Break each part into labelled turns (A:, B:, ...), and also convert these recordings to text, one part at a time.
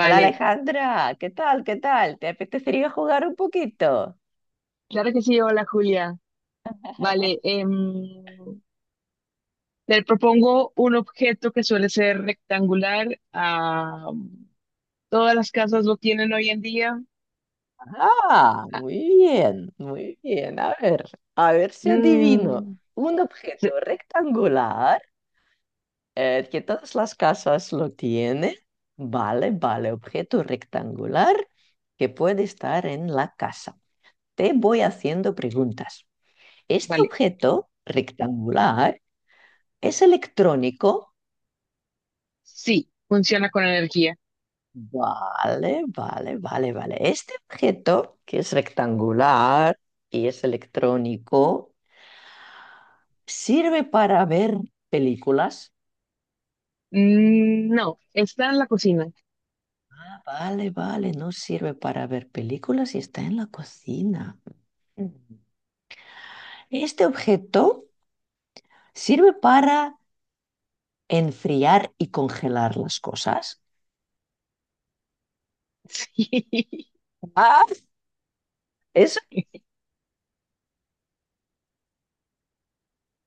A: Hola, Alejandra, ¿qué tal? ¿Qué tal? ¿Te apetecería jugar un poquito?
B: claro que sí, hola Julia. Vale, le propongo un objeto que suele ser rectangular. Ah, todas las casas lo tienen hoy en día.
A: Ah,
B: Ah,
A: muy bien, muy bien. A ver si adivino.
B: mm,
A: Un
B: se-
A: objeto rectangular que todas las casas lo tienen. Vale, vale, objeto rectangular que puede estar en la casa. Te voy haciendo preguntas. Este
B: vale,
A: objeto rectangular es electrónico.
B: sí, funciona con energía.
A: Vale, vale, vale, vale. Este objeto, que es rectangular y es electrónico, ¿sirve para ver películas?
B: Mm, no, está en la cocina.
A: Vale, vale, no sirve para ver películas y está en la cocina. Mm. Este objeto sirve para enfriar y congelar las cosas. Ah, eso
B: Sí,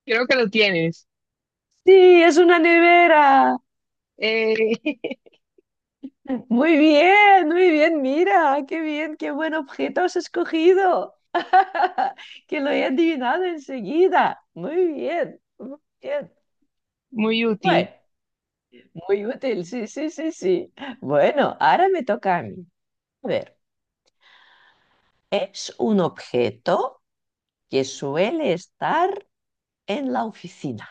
B: creo que lo tienes.
A: sí, es una nevera.
B: Eh,
A: Muy bien, mira, qué bien, qué buen objeto has escogido. Que lo he adivinado enseguida. Muy bien, muy bien.
B: muy útil.
A: Bueno, muy útil, sí, sí, sí, sí. Bueno, ahora me toca a mí. A ver, es un objeto que suele estar en la oficina.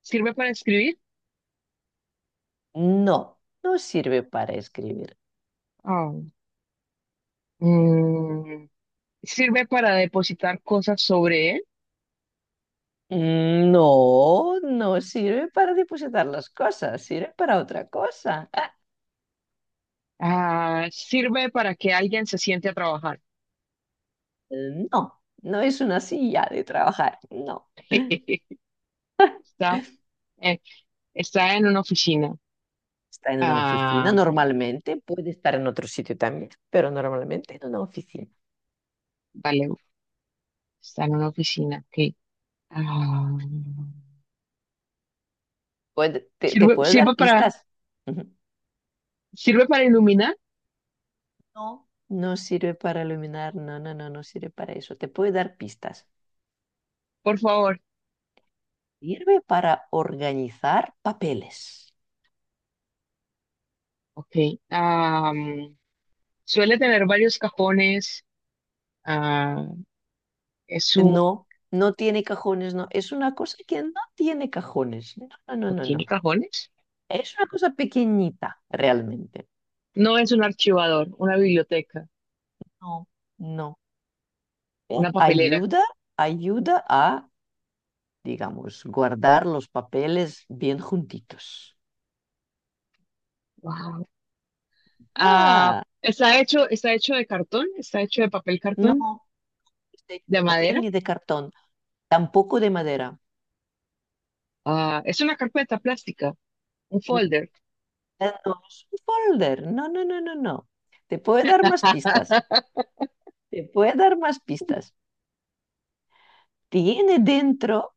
B: ¿Sirve para escribir?
A: No, no sirve para escribir.
B: Ah, mm, ¿Sirve para depositar cosas sobre él?
A: No, no sirve para depositar las cosas, sirve para otra cosa. Ah,
B: Ah, sirve para que alguien se siente a trabajar.
A: no, no es una silla de trabajar, no.
B: Está, eh, está en una oficina.
A: Está en una oficina
B: Ah,
A: normalmente, puede estar en otro sitio también, pero normalmente en una oficina.
B: vale, está en una oficina. Ok. Ah,
A: Te,
B: sirve,
A: puede
B: sirve
A: dar
B: para,
A: pistas. Ujú.
B: sirve para iluminar,
A: No. No sirve para iluminar, no, no, no, no sirve para eso. Te puede dar pistas.
B: por favor.
A: Sirve para organizar papeles.
B: Ok. Ah, suele tener varios cajones. Ah, es un,
A: No, no tiene cajones, no. Es una cosa que no tiene cajones. No, no, no,
B: ¿No
A: no,
B: tiene
A: no.
B: cajones?
A: Es una cosa pequeñita, realmente.
B: No es un archivador, una biblioteca,
A: No. No.
B: una papelera.
A: Ayuda, ayuda a, digamos, guardar los papeles bien juntitos.
B: Ah,
A: Ah,
B: está hecho de papel cartón,
A: no está hecho de
B: de
A: papel
B: madera.
A: ni de cartón, tampoco de madera.
B: Ah, es una carpeta plástica, un folder.
A: No es un folder. No, no, no, no, no. Te puede dar más pistas. Te puede dar más pistas. Tiene dentro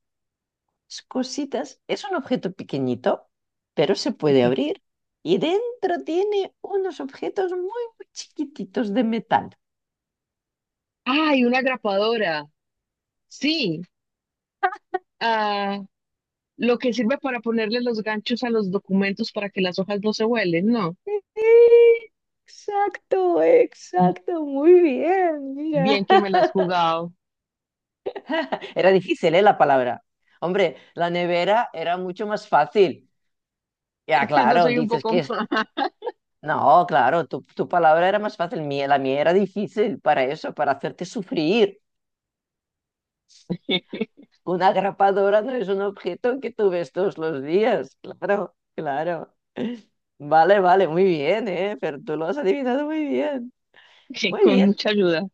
A: cositas. Es un objeto pequeñito, pero se
B: ¿Por
A: puede
B: qué?
A: abrir. Y dentro tiene unos objetos muy, muy chiquititos de metal.
B: ¡Ay, una grapadora! Sí, ah, lo que sirve para ponerle los ganchos a los documentos para que las hojas no se vuelen, ¿no?
A: Exacto, exacto, muy bien, mira.
B: Bien que me las has jugado.
A: Era difícil, ¿eh? La palabra. Hombre, la nevera era mucho más fácil. Ya,
B: Es que yo
A: claro,
B: soy un
A: dices
B: poco
A: que es...
B: más,
A: No, claro, tu palabra era más fácil. La mía era difícil para eso, para hacerte sufrir. Una grapadora no es un objeto que tú ves todos los días. Claro, claro. Vale, vale, muy bien, ¿eh? Pero tú lo has adivinado muy bien. Muy
B: con
A: bien.
B: mucha ayuda.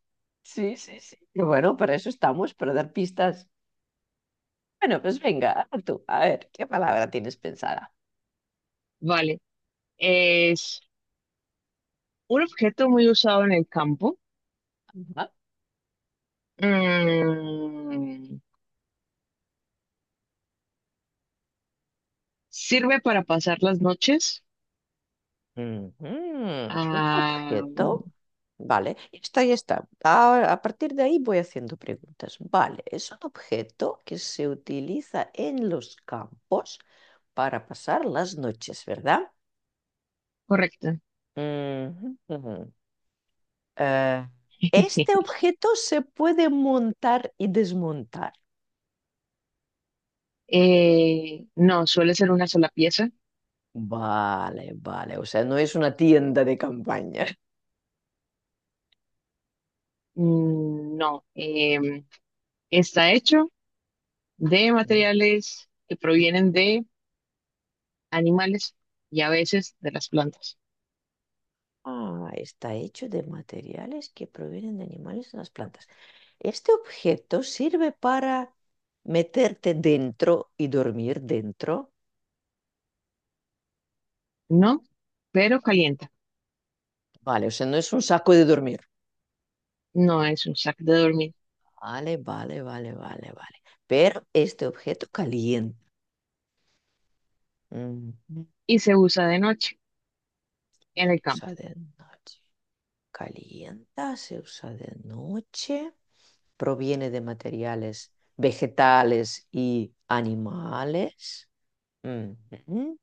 A: Sí, sí, sí. Y bueno, para eso estamos, para dar pistas. Bueno, pues venga, a tú, a ver, ¿qué palabra tienes pensada?
B: Vale, es un objeto muy usado en el campo.
A: Ajá.
B: Mm, sirve para pasar las noches.
A: Ujú. Un
B: Ah,
A: objeto. Vale, y está, ya está. Ahora, a partir de ahí voy haciendo preguntas. Vale, es un objeto que se utiliza en los campos para pasar las noches, ¿verdad?
B: correcto.
A: Ujú, ujú. Eh, este objeto se puede montar y desmontar.
B: No, suele ser una sola pieza.
A: Vale, vale. O sea, no es una tienda de campaña.
B: Mm, no, está hecho de
A: Mm.
B: materiales que provienen de animales y a veces de las plantas.
A: Ah, está hecho de materiales que provienen de animales en las plantas. Este objeto sirve para meterte dentro y dormir dentro.
B: No, pero calienta.
A: Vale, o sea, no es un saco de dormir.
B: No es un sac de dormir
A: Vale, vale, vale, vale, vale. Pero este objeto calienta. Ujú.
B: y se usa de noche
A: Se
B: en el campo.
A: usa de noche. Calienta, se usa de noche. Proviene de materiales vegetales y animales. Mm -hmm.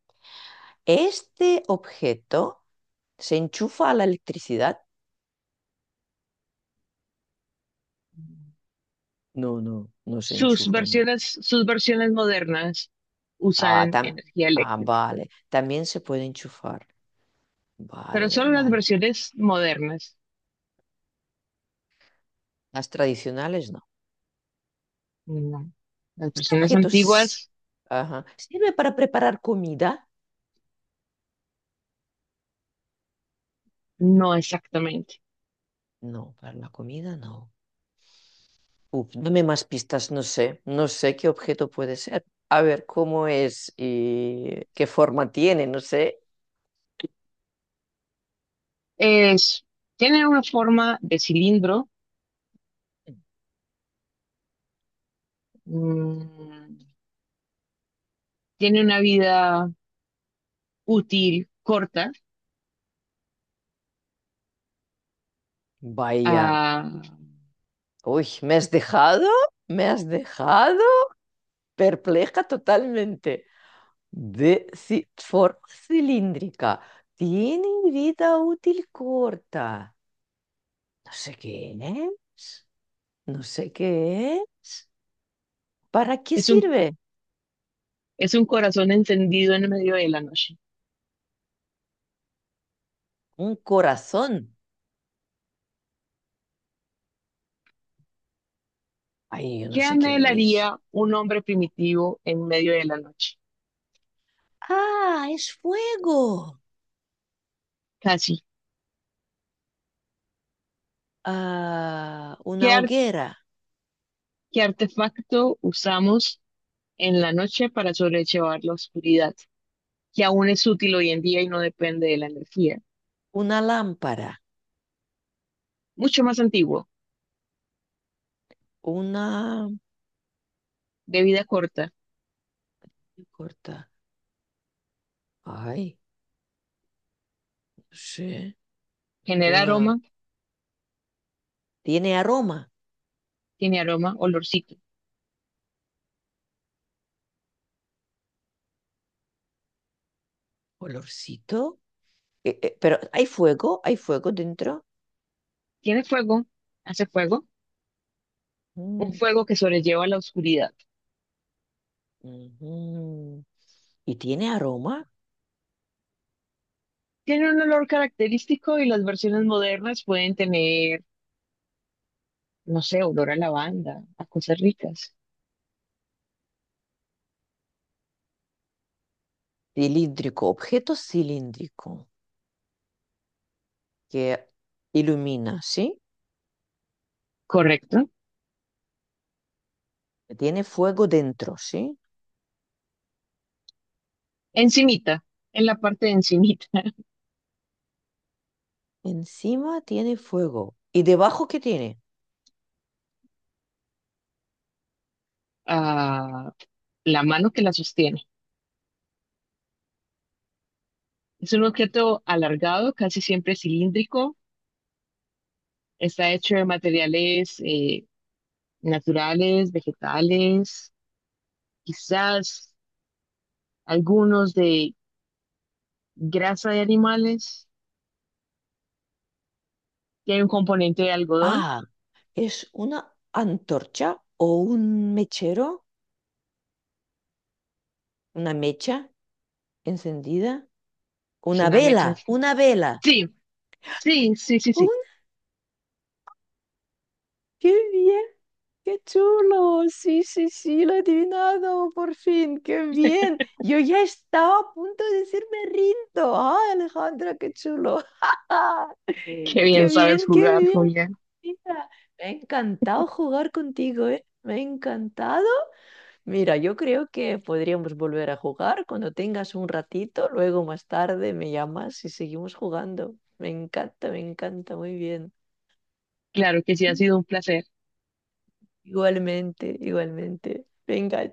A: ¿Este objeto se enchufa a la electricidad? No, no, no se
B: Sus
A: enchufa, no.
B: versiones, sus versiones modernas
A: Ah,
B: usan
A: tam
B: energía
A: Ah,
B: eléctrica,
A: vale. También se puede enchufar.
B: pero
A: Vale,
B: solo las
A: vale.
B: versiones modernas.
A: Las tradicionales no.
B: No, las
A: ¿Este
B: versiones
A: objeto s-
B: antiguas,
A: Ajá. ¿Sirve para preparar comida?
B: no exactamente.
A: No, para la comida no. Uf, dame más pistas, no sé, no sé qué objeto puede ser. A ver cómo es y qué forma tiene, no sé.
B: Es, tiene una forma de cilindro, mm, tiene una vida útil corta,
A: Vaya,
B: ah,
A: uy, ¿me has dejado? ¿Me has dejado? Perpleja totalmente. Forma cilíndrica, tiene vida útil corta. No sé qué es, no sé qué es. ¿Para qué
B: es un,
A: sirve?
B: es un corazón encendido en medio de la noche.
A: Un corazón. Ay, yo
B: ¿Qué
A: no sé qué es.
B: anhelaría un hombre primitivo en medio de la noche?
A: Ah, es fuego.
B: Casi.
A: Ah,
B: ¿Qué,
A: una
B: ar-
A: hoguera,
B: ¿qué artefacto usamos en la noche para sobrellevar la oscuridad, que aún es útil hoy en día y no depende de la energía?
A: una lámpara,
B: Mucho más antiguo,
A: una...
B: de vida corta,
A: ¿qué corta? Ay, no sé.
B: genera
A: Una...
B: aroma,
A: Tiene aroma,
B: tiene aroma, olorcito.
A: olorcito. Pero hay fuego dentro.
B: Tiene fuego, hace fuego, un
A: Mm,
B: fuego que sobrelleva la oscuridad.
A: ujú. Y tiene aroma
B: Tiene un olor característico y las versiones modernas pueden tener, no sé, olor a lavanda, a cosas ricas.
A: cilíndrico, objeto cilíndrico que ilumina, ¿sí?
B: ¿Correcto?
A: Que tiene fuego dentro, ¿sí?
B: Encimita, en la parte de encimita,
A: Encima tiene fuego. ¿Y debajo qué tiene?
B: a la mano que la sostiene. Es un objeto alargado, casi siempre cilíndrico. Está hecho de materiales naturales, vegetales, quizás algunos de grasa de animales, tiene un componente de algodón,
A: Ah, es una antorcha o un mechero, una mecha encendida,
B: es
A: una
B: una mecha.
A: vela, una vela.
B: Sí, sí, sí, sí,
A: ¡Oh!
B: sí.
A: ¡Qué bien! ¡Qué chulo! Sí, sí, sí, lo he adivinado por fin. ¡Qué bien! Yo ya estaba a punto de decirme rindo. ¡Ay, Alejandra, qué chulo!
B: Qué
A: ¡Qué
B: bien sabes
A: bien, qué
B: jugar,
A: bien!
B: Julián.
A: Mira, me ha encantado jugar contigo, ¿eh? Me ha encantado. Mira, yo creo que podríamos volver a jugar cuando tengas un ratito, luego más tarde me llamas y seguimos jugando. Me encanta, muy bien.
B: Claro que sí, ha sido un placer.
A: Igualmente, igualmente. Venga,